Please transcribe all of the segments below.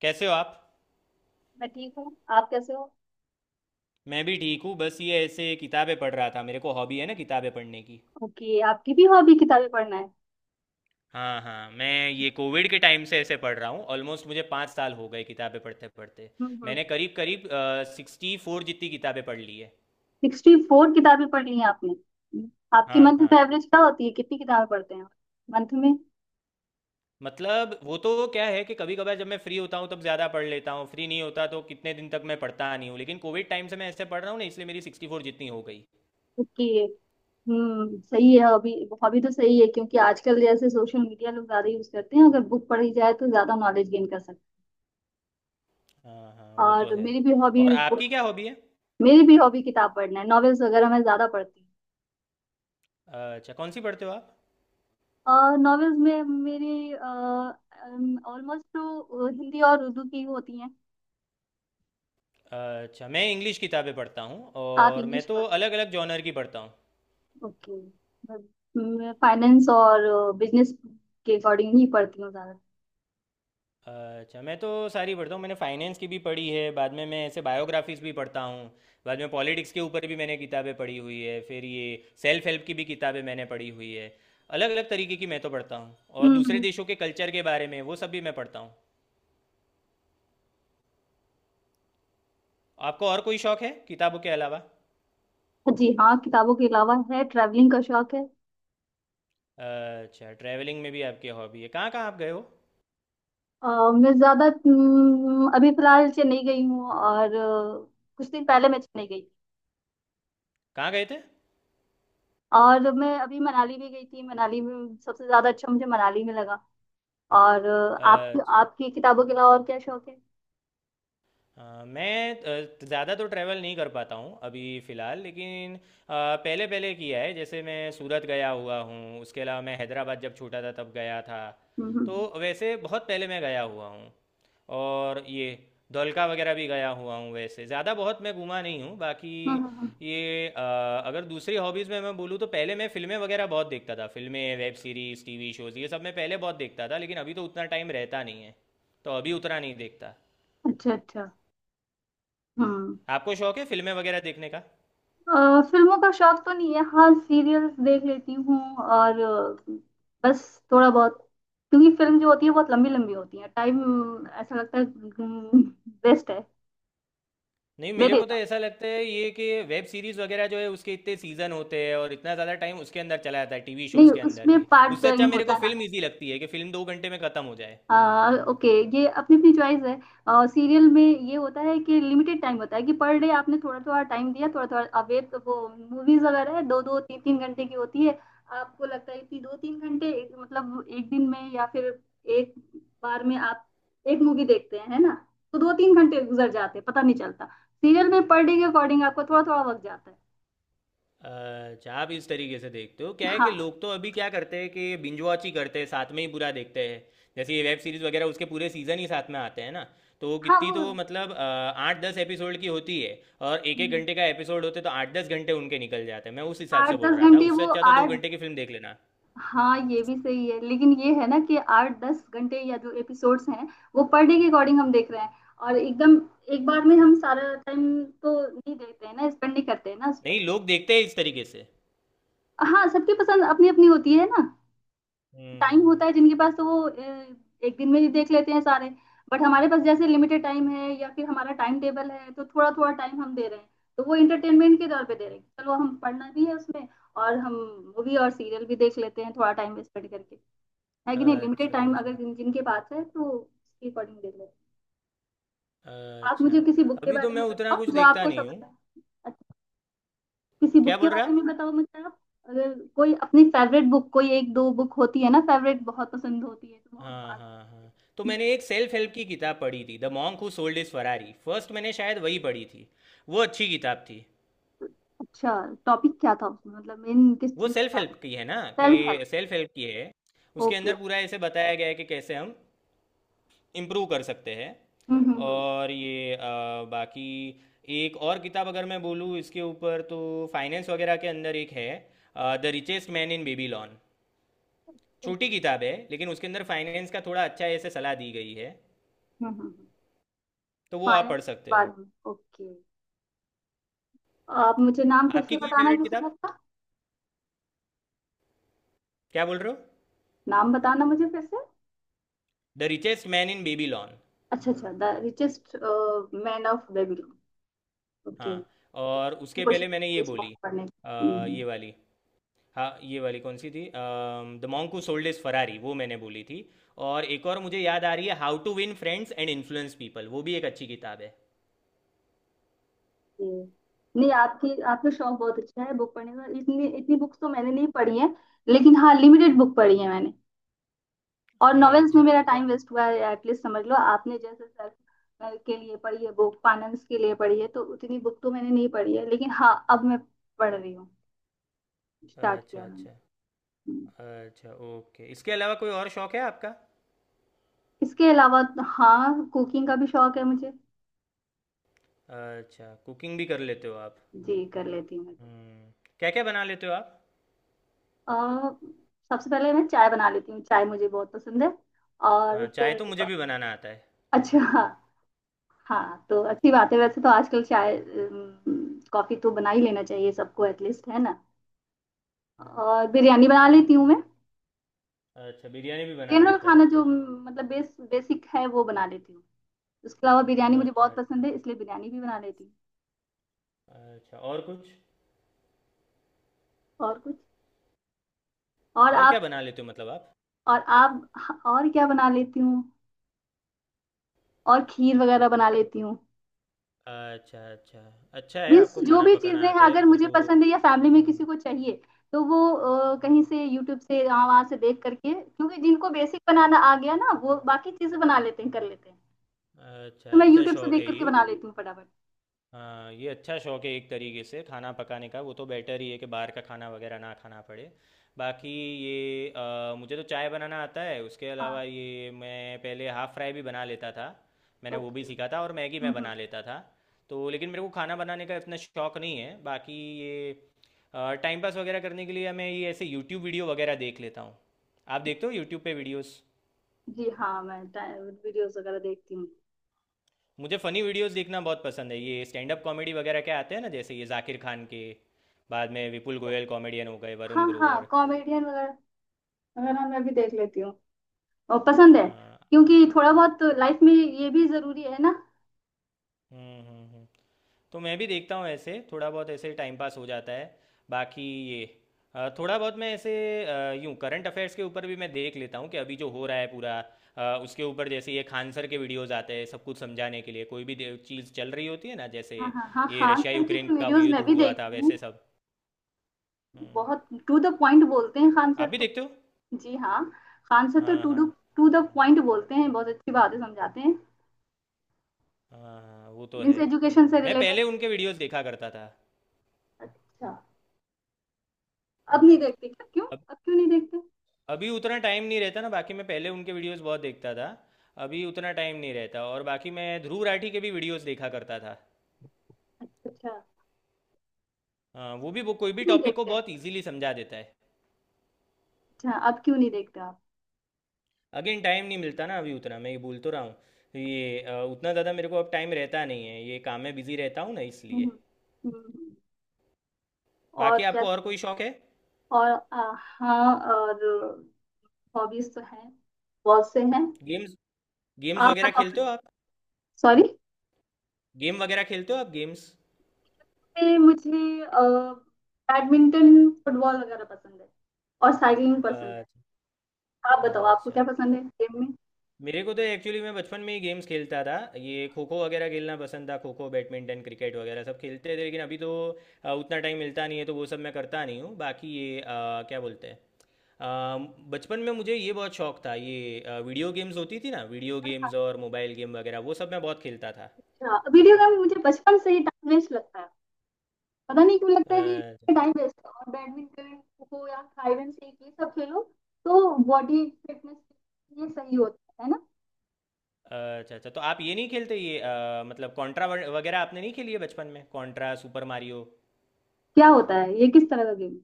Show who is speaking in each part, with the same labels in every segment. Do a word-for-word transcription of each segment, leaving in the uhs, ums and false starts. Speaker 1: कैसे हो आप।
Speaker 2: मैं ठीक हूँ। आप कैसे हो?
Speaker 1: मैं भी ठीक हूँ, बस ये ऐसे किताबें पढ़ रहा था। मेरे को हॉबी है ना किताबें पढ़ने की।
Speaker 2: ओके, आपकी भी हॉबी किताबें पढ़ना है?
Speaker 1: हाँ हाँ, मैं ये कोविड के टाइम से ऐसे पढ़ रहा हूँ। ऑलमोस्ट मुझे पाँच साल हो गए किताबें पढ़ते पढ़ते।
Speaker 2: हम्म हम्म।
Speaker 1: मैंने करीब करीब सिक्सटी फोर जितनी किताबें पढ़ ली है।
Speaker 2: सिक्सटी फोर किताबें पढ़ ली हैं आपने? हम्म। आपकी
Speaker 1: हाँ
Speaker 2: मंथ
Speaker 1: हाँ।
Speaker 2: में एवरेज क्या होती है, कितनी किताबें पढ़ते हैं मंथ में?
Speaker 1: मतलब वो तो क्या है कि कभी कभार जब मैं फ्री होता हूँ तब ज़्यादा पढ़ लेता हूँ, फ्री नहीं होता तो कितने दिन तक मैं पढ़ता नहीं हूँ, लेकिन कोविड टाइम से मैं ऐसे पढ़ रहा हूँ ना इसलिए मेरी सिक्सटी फोर जितनी हो गई।
Speaker 2: ओके। हम्म, सही है हॉबी। हॉबी तो सही है क्योंकि आजकल जैसे सोशल मीडिया लोग ज्यादा यूज करते हैं, अगर बुक पढ़ी जाए तो ज्यादा नॉलेज गेन कर सकते
Speaker 1: हाँ हाँ,
Speaker 2: हैं।
Speaker 1: वो तो
Speaker 2: और
Speaker 1: है।
Speaker 2: मेरी भी हॉबी
Speaker 1: और आपकी क्या हॉबी है?
Speaker 2: मेरी भी हॉबी किताब पढ़ना है, नॉवेल्स वगैरह मैं ज्यादा पढ़ती हूँ।
Speaker 1: अच्छा, कौन सी पढ़ते हो आप?
Speaker 2: और नॉवेल्स में मेरी ऑलमोस्ट तो हिंदी और उर्दू की होती हैं।
Speaker 1: अच्छा, मैं इंग्लिश किताबें पढ़ता हूँ,
Speaker 2: आप
Speaker 1: और
Speaker 2: इंग्लिश
Speaker 1: मैं तो
Speaker 2: पढ़।
Speaker 1: अलग अलग जॉनर की पढ़ता हूँ।
Speaker 2: ओके। मैं फाइनेंस और बिजनेस के अकॉर्डिंग ही पढ़ती हूँ ज़्यादा।
Speaker 1: अच्छा, मैं तो सारी पढ़ता हूँ। मैंने फाइनेंस की भी पढ़ी है, बाद में मैं ऐसे बायोग्राफीज भी पढ़ता हूँ। बाद में पॉलिटिक्स के ऊपर भी मैंने किताबें पढ़ी हुई है, फिर ये सेल्फ हेल्प की भी किताबें मैंने पढ़ी हुई है। अलग अलग तरीके की मैं तो पढ़ता हूँ। और
Speaker 2: हम्म
Speaker 1: दूसरे
Speaker 2: हम्म।
Speaker 1: देशों के कल्चर के बारे में वो सब भी मैं पढ़ता हूँ। आपको और कोई शौक है किताबों के अलावा?
Speaker 2: जी हाँ, किताबों के अलावा है ट्रैवलिंग का शौक है।
Speaker 1: अच्छा, ट्रैवलिंग में भी आपकी हॉबी है। कहाँ कहाँ आप गए हो?
Speaker 2: अ, मैं ज़्यादा हम्म, अभी फिलहाल चेन्नई गई हूँ और अ, कुछ दिन पहले मैं चेन्नई गई।
Speaker 1: कहाँ गए थे?
Speaker 2: और मैं अभी मनाली भी गई थी, मनाली में सबसे ज़्यादा अच्छा मुझे मनाली में लगा। और अ, आप
Speaker 1: अच्छा।
Speaker 2: आपकी किताबों के अलावा और क्या शौक है?
Speaker 1: अ, मैं ज़्ज़्यादा तो ट्रैवल नहीं कर पाता हूँ अभी फ़िलहाल, लेकिन अ, पहले पहले किया है। जैसे मैं सूरत गया हुआ हूँ, उसके अलावा मैं हैदराबाद जब छोटा था तब गया था।
Speaker 2: हम्म
Speaker 1: तो
Speaker 2: हम्म
Speaker 1: वैसे बहुत पहले मैं गया हुआ हूँ। और ये धोलका वगैरह भी गया हुआ हूँ। वैसे ज़्यादा बहुत मैं घूमा नहीं हूँ बाकी।
Speaker 2: हम्म, हम्म, हम्म।
Speaker 1: ये अ, अगर दूसरी हॉबीज़ में मैं बोलूँ तो पहले मैं फ़िल्में वगैरह बहुत देखता था। फ़िल्में, वेब सीरीज़, टीवी शोज़, ये सब मैं पहले बहुत देखता था, लेकिन अभी तो उतना टाइम रहता नहीं है। तो अभी उतना नहीं देखता।
Speaker 2: अच्छा अच्छा। हम्म।
Speaker 1: आपको शौक है फिल्में वगैरह देखने का?
Speaker 2: अ, फिल्मों का शौक तो नहीं है। हाँ, सीरियल्स देख लेती हूँ और अ, बस थोड़ा बहुत। क्योंकि फिल्म जो होती है बहुत लंबी लंबी होती है, टाइम ऐसा लगता है वेस्ट है
Speaker 1: नहीं, मेरे
Speaker 2: मेरे
Speaker 1: को तो
Speaker 2: हिसाब
Speaker 1: ऐसा
Speaker 2: से।
Speaker 1: लगता है ये कि वेब सीरीज़ वगैरह जो है उसके इतने सीज़न होते हैं और इतना ज़्यादा टाइम उसके अंदर चला जाता है, टीवी
Speaker 2: नहीं,
Speaker 1: शोज़ के अंदर
Speaker 2: उसमें
Speaker 1: भी।
Speaker 2: पार्ट
Speaker 1: उससे अच्छा
Speaker 2: टाइम
Speaker 1: मेरे
Speaker 2: होता
Speaker 1: को
Speaker 2: है ना।
Speaker 1: फिल्म ईजी लगती है कि फिल्म दो घंटे में ख़त्म हो जाए।
Speaker 2: आ, ओके, ये अपनी अपनी चॉइस है। आ, सीरियल में ये होता है कि लिमिटेड टाइम होता है, कि पर डे आपने थोड़ा थोड़ा टाइम दिया थोड़ा थोड़ा, अब ये तो वो मूवीज वगैरह है, दो दो तीन तीन घंटे की होती है। आपको लगता है कि दो तीन घंटे एक- मतलब एक दिन में या फिर एक बार में आप एक मूवी देखते हैं, है ना? तो दो तीन घंटे गुजर जाते हैं पता नहीं चलता। सीरियल में पर डे के अकॉर्डिंग आपको थोड़ा थोड़ा वक्त जाता है।
Speaker 1: अच्छा, आप इस तरीके से देखते हो? क्या है कि
Speaker 2: हाँ
Speaker 1: लोग तो अभी क्या करते हैं कि बिंज वॉच ही करते हैं, साथ में ही पूरा देखते हैं। जैसे ये वेब सीरीज़ वगैरह उसके पूरे सीज़न ही साथ में आते हैं ना, तो वो
Speaker 2: हाँ,
Speaker 1: कितनी तो
Speaker 2: वो
Speaker 1: मतलब अ, आठ दस एपिसोड की होती है। और एक एक घंटे का एपिसोड होते तो आठ दस घंटे उनके निकल जाते हैं। मैं उस हिसाब से
Speaker 2: आठ
Speaker 1: बोल
Speaker 2: दस
Speaker 1: रहा था,
Speaker 2: घंटे
Speaker 1: उससे
Speaker 2: वो
Speaker 1: अच्छा तो दो
Speaker 2: आठ।
Speaker 1: घंटे की फिल्म देख लेना।
Speaker 2: हाँ, ये भी सही है, लेकिन ये है ना कि आठ दस घंटे या जो एपिसोड्स हैं, वो पर डे के अकॉर्डिंग हम देख रहे हैं। और एकदम एक बार में हम सारा टाइम तो नहीं देखते हैं ना, स्पेंड नहीं करते हैं ना उस पर।
Speaker 1: नहीं, लोग देखते हैं इस तरीके से।
Speaker 2: हाँ, सबकी पसंद अपनी अपनी होती है ना।
Speaker 1: हम्म
Speaker 2: टाइम
Speaker 1: हम्म,
Speaker 2: होता है जिनके पास, तो वो अ, एक दिन में ही देख लेते हैं सारे। बट हमारे पास जैसे लिमिटेड टाइम है या फिर हमारा टाइम टेबल है, तो थोड़ा थोड़ा टाइम हम दे रहे हैं। तो वो इंटरटेनमेंट के तौर पे दे रहे हैं, चलो हम पढ़ना भी है उसमें और हम मूवी और सीरियल भी देख लेते हैं थोड़ा टाइम स्पेंड करके। है कि नहीं,
Speaker 1: हम्म।
Speaker 2: लिमिटेड
Speaker 1: अच्छा
Speaker 2: टाइम अगर
Speaker 1: अच्छा।
Speaker 2: जिन जिनके पास है तो उसके अकॉर्डिंग देख लेते हैं। आप
Speaker 1: अच्छा।
Speaker 2: मुझे किसी बुक के
Speaker 1: अभी तो
Speaker 2: बारे
Speaker 1: मैं
Speaker 2: में
Speaker 1: उतना
Speaker 2: बताओ
Speaker 1: कुछ
Speaker 2: जो
Speaker 1: देखता
Speaker 2: आपको
Speaker 1: नहीं हूँ।
Speaker 2: सबसे अच्छा। किसी
Speaker 1: क्या
Speaker 2: बुक के
Speaker 1: बोल रहे?
Speaker 2: बारे में बताओ मुझे आप। अगर कोई अपनी फेवरेट बुक, कोई एक दो बुक होती है ना, फेवरेट बहुत पसंद होती है, तो वो हम
Speaker 1: हाँ
Speaker 2: बार बार।
Speaker 1: हाँ हाँ, तो मैंने एक सेल्फ हेल्प की किताब पढ़ी थी, the monk who sold his Ferrari. First मैंने शायद वही पढ़ी थी। वो अच्छी किताब थी।
Speaker 2: अच्छा, टॉपिक क्या था उसमें मतलब मेन किस
Speaker 1: वो
Speaker 2: चीज
Speaker 1: सेल्फ
Speaker 2: का?
Speaker 1: हेल्प की है ना, कि
Speaker 2: सेल्फ हेल्प।
Speaker 1: सेल्फ हेल्प की है। उसके
Speaker 2: ओके।
Speaker 1: अंदर पूरा ऐसे बताया गया है कि कैसे हम इम्प्रूव कर सकते हैं।
Speaker 2: हम्म हम्म
Speaker 1: और ये अ, बाकी एक और किताब अगर मैं बोलूँ इसके ऊपर तो फाइनेंस वगैरह के अंदर एक है, the richest man in Babylon. छोटी किताब है, लेकिन उसके अंदर फाइनेंस का थोड़ा अच्छा ऐसे सलाह दी गई है।
Speaker 2: हम्म हम्म।
Speaker 1: तो वो आप
Speaker 2: फाइनेंस
Speaker 1: पढ़ सकते हो।
Speaker 2: बारे में। ओके। आप मुझे नाम फिर से
Speaker 1: आपकी कोई
Speaker 2: बताना
Speaker 1: फेवरेट
Speaker 2: किसी
Speaker 1: किताब?
Speaker 2: बुक का।
Speaker 1: क्या बोल रहे हो?
Speaker 2: नाम बताना मुझे फिर से।
Speaker 1: The richest man in Babylon.
Speaker 2: अच्छा अच्छा, the richest man of Babylon.
Speaker 1: हाँ।
Speaker 2: ओके।
Speaker 1: और उसके
Speaker 2: कोशिश
Speaker 1: पहले मैंने
Speaker 2: करती
Speaker 1: ये
Speaker 2: हूँ इस book
Speaker 1: बोली
Speaker 2: को पढ़ने की।
Speaker 1: अ,
Speaker 2: हम्म।
Speaker 1: ये वाली, हाँ ये वाली कौन सी थी, the monk who sold his Ferrari, वो मैंने बोली थी। और एक और मुझे याद आ रही है, how to win friends and influence people, वो भी एक अच्छी किताब है।
Speaker 2: ये नहीं, आपकी आपका शौक बहुत अच्छा है बुक पढ़ने का, इतनी इतनी बुक्स तो मैंने नहीं पढ़ी है। लेकिन हाँ लिमिटेड बुक पढ़ी है मैंने। और नॉवेल्स में
Speaker 1: अच्छा
Speaker 2: मेरा
Speaker 1: अच्छा। तो
Speaker 2: टाइम वेस्ट हुआ है एटलीस्ट, समझ लो आपने जैसे सर के लिए पढ़ी है बुक, फाइनेंस के लिए पढ़ी है, तो उतनी बुक तो मैंने नहीं पढ़ी है, लेकिन हाँ अब मैं पढ़ रही हूँ। स्टार्ट
Speaker 1: अच्छा
Speaker 2: किया
Speaker 1: अच्छा।
Speaker 2: मैंने। हम्म।
Speaker 1: अच्छा ओके, इसके अलावा कोई और शौक है आपका?
Speaker 2: इसके अलावा हाँ कुकिंग का भी शौक है मुझे।
Speaker 1: अच्छा, कुकिंग भी कर लेते हो आप?
Speaker 2: जी कर लेती हूँ मैं।
Speaker 1: हम्म। क्या क्या बना लेते हो आप?
Speaker 2: अ, सबसे पहले मैं चाय बना लेती हूँ, चाय मुझे बहुत पसंद है। और
Speaker 1: हाँ, चाय
Speaker 2: फिर।
Speaker 1: तो मुझे भी बनाना आता है।
Speaker 2: अच्छा। हाँ तो अच्छी बात है, वैसे तो आजकल चाय अम, कॉफी तो बना ही लेना चाहिए सबको एटलीस्ट, है ना? और बिरयानी बना लेती हूँ मैं।
Speaker 1: अच्छा, बिरयानी भी बनाना
Speaker 2: जनरल
Speaker 1: आता है
Speaker 2: खाना जो
Speaker 1: आपको?
Speaker 2: म, मतलब बेस बेसिक है वो बना लेती हूँ। उसके अलावा बिरयानी मुझे बहुत
Speaker 1: अच्छा
Speaker 2: पसंद है, इसलिए बिरयानी भी बना लेती हूँ।
Speaker 1: अच्छा, और कुछ?
Speaker 2: और कुछ। और
Speaker 1: और क्या
Speaker 2: आप।
Speaker 1: बना लेते हो मतलब आप?
Speaker 2: और आप और क्या बना लेती हूँ। और खीर वगैरह बना लेती हूँ।
Speaker 1: अच्छा अच्छा। अच्छा है,
Speaker 2: मीन्स
Speaker 1: आपको
Speaker 2: जो
Speaker 1: खाना
Speaker 2: भी चीजें
Speaker 1: पकाना
Speaker 2: हैं,
Speaker 1: आता है
Speaker 2: अगर
Speaker 1: वो
Speaker 2: मुझे
Speaker 1: तो।
Speaker 2: पसंद है या फैमिली में किसी
Speaker 1: हम्म,
Speaker 2: को चाहिए, तो वो अ, कहीं
Speaker 1: हम्म,
Speaker 2: से यूट्यूब से यहाँ वहां से देख करके, क्योंकि जिनको बेसिक बनाना आ गया ना,
Speaker 1: हम्म।
Speaker 2: वो बाकी चीजें बना लेते हैं कर लेते हैं। तो
Speaker 1: अच्छा
Speaker 2: मैं
Speaker 1: अच्छा,
Speaker 2: यूट्यूब से
Speaker 1: शौक
Speaker 2: देख
Speaker 1: है
Speaker 2: करके
Speaker 1: ये।
Speaker 2: बना लेती हूँ फटाफट।
Speaker 1: हाँ, ये अच्छा शौक है एक तरीके से, खाना पकाने का। वो तो बेटर ही है कि बाहर का खाना वगैरह ना खाना पड़े। बाकी ये अ, मुझे तो चाय बनाना आता है। उसके
Speaker 2: हाँ।
Speaker 1: अलावा ये मैं पहले हाफ़ फ्राई भी बना लेता था, मैंने वो भी
Speaker 2: ओके।
Speaker 1: सीखा था। और मैगी
Speaker 2: हम्म
Speaker 1: मैं
Speaker 2: हम्म।
Speaker 1: बना लेता था। तो लेकिन मेरे को खाना बनाने का इतना शौक नहीं है बाकी। ये टाइम पास वगैरह करने के लिए मैं ये ऐसे यूट्यूब वीडियो वगैरह देख लेता हूँ। आप देखते हो यूट्यूब पे वीडियोस?
Speaker 2: जी हाँ, मैं वीडियोस वगैरह देखती हूँ।
Speaker 1: मुझे फ़नी वीडियोस देखना बहुत पसंद है। ये स्टैंड अप कॉमेडी वगैरह क्या आते हैं ना, जैसे ये जाकिर खान के, बाद में विपुल गोयल कॉमेडियन हो गए, वरुण
Speaker 2: हाँ हाँ,
Speaker 1: ग्रोवर।
Speaker 2: कॉमेडियन वगैरह वगैरह मैं भी देख लेती हूँ और पसंद है।
Speaker 1: अ,
Speaker 2: क्योंकि थोड़ा बहुत लाइफ में ये भी जरूरी है ना।
Speaker 1: हम्म हम्म हम्म तो मैं भी देखता हूँ ऐसे, थोड़ा बहुत ऐसे टाइम पास हो जाता है। बाकी ये अ, थोड़ा बहुत मैं ऐसे अ, यूं करंट अफेयर्स के ऊपर भी मैं देख लेता हूँ कि अभी जो हो रहा है पूरा। अ, उसके ऊपर जैसे ये खान सर के वीडियोस आते हैं सब कुछ समझाने के लिए, कोई भी दे- चीज़ चल रही होती है ना, जैसे
Speaker 2: हाँ हाँ हाँ,
Speaker 1: ये
Speaker 2: खान
Speaker 1: रशिया
Speaker 2: सर की
Speaker 1: यूक्रेन
Speaker 2: तो
Speaker 1: का
Speaker 2: वीडियोस
Speaker 1: युद्ध
Speaker 2: मैं भी
Speaker 1: हुआ था,
Speaker 2: देखती हूँ।
Speaker 1: वैसे सब। हम्म,
Speaker 2: बहुत टू द पॉइंट बोलते हैं खान सर
Speaker 1: आप भी
Speaker 2: तो।
Speaker 1: देखते हो?
Speaker 2: जी हाँ, खान सर तो
Speaker 1: हाँ
Speaker 2: टू
Speaker 1: हाँ
Speaker 2: डू टू द
Speaker 1: हाँ।
Speaker 2: पॉइंट बोलते हैं, बहुत अच्छी बातें समझाते हैं।
Speaker 1: हाँ हाँ, वो तो
Speaker 2: मीन्स
Speaker 1: है।
Speaker 2: एजुकेशन से
Speaker 1: मैं पहले
Speaker 2: रिलेटेड।
Speaker 1: उनके वीडियोस देखा करता था।
Speaker 2: अच्छा। अब नहीं
Speaker 1: हम्म,
Speaker 2: देखते क्या? क्यों अब क्यों नहीं देखते?
Speaker 1: अभी उतना टाइम नहीं रहता ना, बाकी मैं पहले उनके वीडियोस बहुत देखता था। अभी उतना टाइम नहीं रहता। और बाकी मैं ध्रुव राठी के भी वीडियोस देखा करता था।
Speaker 2: अच्छा अच्छा।
Speaker 1: हाँ, वो भी वो कोई भी
Speaker 2: नहीं
Speaker 1: टॉपिक को
Speaker 2: देखते?
Speaker 1: बहुत इजीली समझा देता है।
Speaker 2: अच्छा, अब क्यों नहीं देखते आप?
Speaker 1: अगेन टाइम नहीं मिलता ना अभी उतना, मैं ये बोल तो रहा हूँ। ये अ, उतना ज़्यादा मेरे को अब टाइम रहता नहीं है, ये काम में बिज़ी रहता हूँ ना
Speaker 2: हम्म
Speaker 1: इसलिए।
Speaker 2: हम्म, हम्म।
Speaker 1: बाकी
Speaker 2: और क्या?
Speaker 1: आपको और कोई शौक है?
Speaker 2: और आ, हाँ और हॉबीज तो हैं, बहुत से हैं।
Speaker 1: गेम्स, गेम्स
Speaker 2: आप
Speaker 1: वगैरह
Speaker 2: बताओ।
Speaker 1: खेलते हो आप?
Speaker 2: सॉरी।
Speaker 1: गेम वगैरह खेलते हो आप, गेम्स?
Speaker 2: मुझे मुझे, अ, बैडमिंटन फुटबॉल वगैरह पसंद है। और साइकिलिंग पसंद है।
Speaker 1: अच्छा
Speaker 2: आप बताओ आपको क्या
Speaker 1: अच्छा।
Speaker 2: पसंद है गेम में।
Speaker 1: मेरे को तो एक्चुअली मैं बचपन में ही गेम्स खेलता था। ये खो खो वगैरह खेलना पसंद था, खो खो, बैडमिंटन, क्रिकेट वगैरह सब खेलते थे, लेकिन अभी तो अ, उतना टाइम मिलता नहीं है तो वो सब मैं करता नहीं हूँ। बाकी ये अ, क्या बोलते हैं अ, बचपन में मुझे ये बहुत शौक था, ये अ, वीडियो गेम्स होती थी ना, वीडियो गेम्स और मोबाइल गेम वगैरह, वो सब मैं बहुत खेलता था।
Speaker 2: अच्छा, वीडियो गेम मुझे बचपन से ही टाइम वेस्ट लगता है। पता नहीं क्यों लगता है
Speaker 1: अच्छा
Speaker 2: कि टाइम वेस्ट है, और बैडमिंटन खो खो या हाइड सीक ये सब खेलो तो बॉडी फिटनेस ये सही होता है ना।
Speaker 1: अच्छा। अच्छा, तो आप ये नहीं खेलते ये अ, मतलब कॉन्ट्रा वगैरह आपने नहीं खेली है बचपन में? कॉन्ट्रा, सुपर मारियो,
Speaker 2: क्या होता है ये, किस तरह का गेम?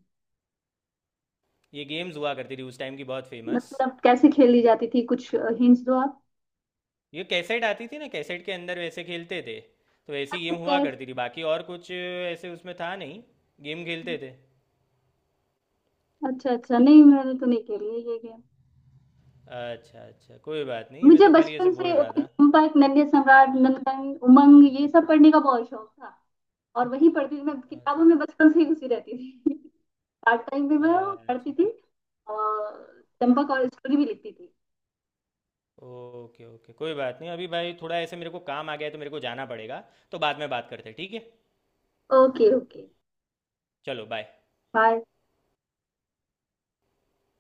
Speaker 1: ये गेम्स हुआ करती थी उस टाइम की, बहुत फेमस।
Speaker 2: मतलब कैसे खेली जाती थी, कुछ हिंट्स दो आप।
Speaker 1: ये कैसेट आती थी ना, कैसेट के अंदर वैसे खेलते थे। तो ऐसी
Speaker 2: अच्छा
Speaker 1: गेम हुआ
Speaker 2: कैसे?
Speaker 1: करती थी, बाकी और कुछ ऐसे उसमें था नहीं। गेम खेलते थे।
Speaker 2: अच्छा अच्छा, नहीं मैंने तो नहीं खेली है ये गेम।
Speaker 1: अच्छा अच्छा, कोई बात नहीं, मैं
Speaker 2: मुझे
Speaker 1: तो खाली ऐसे
Speaker 2: बचपन
Speaker 1: बोल
Speaker 2: से
Speaker 1: रहा था।
Speaker 2: चंपक नन्हे सम्राट नंदन उमंग ये सब पढ़ने का बहुत शौक था। और वहीं पढ़ती थी मैं,
Speaker 1: अच्छा
Speaker 2: किताबों में बचपन से ही घुसी रहती थी। पार्ट टाइम भी मैं
Speaker 1: अच्छा,
Speaker 2: पढ़ती थी। और चंपक और स्टोरी भी लिखती थी।
Speaker 1: ओके ओके, कोई बात नहीं। अभी भाई थोड़ा ऐसे मेरे को काम आ गया है तो मेरे को जाना पड़ेगा। तो बाद में बात करते हैं, ठीक है?
Speaker 2: Okay okay.
Speaker 1: चलो बाय।
Speaker 2: बाय।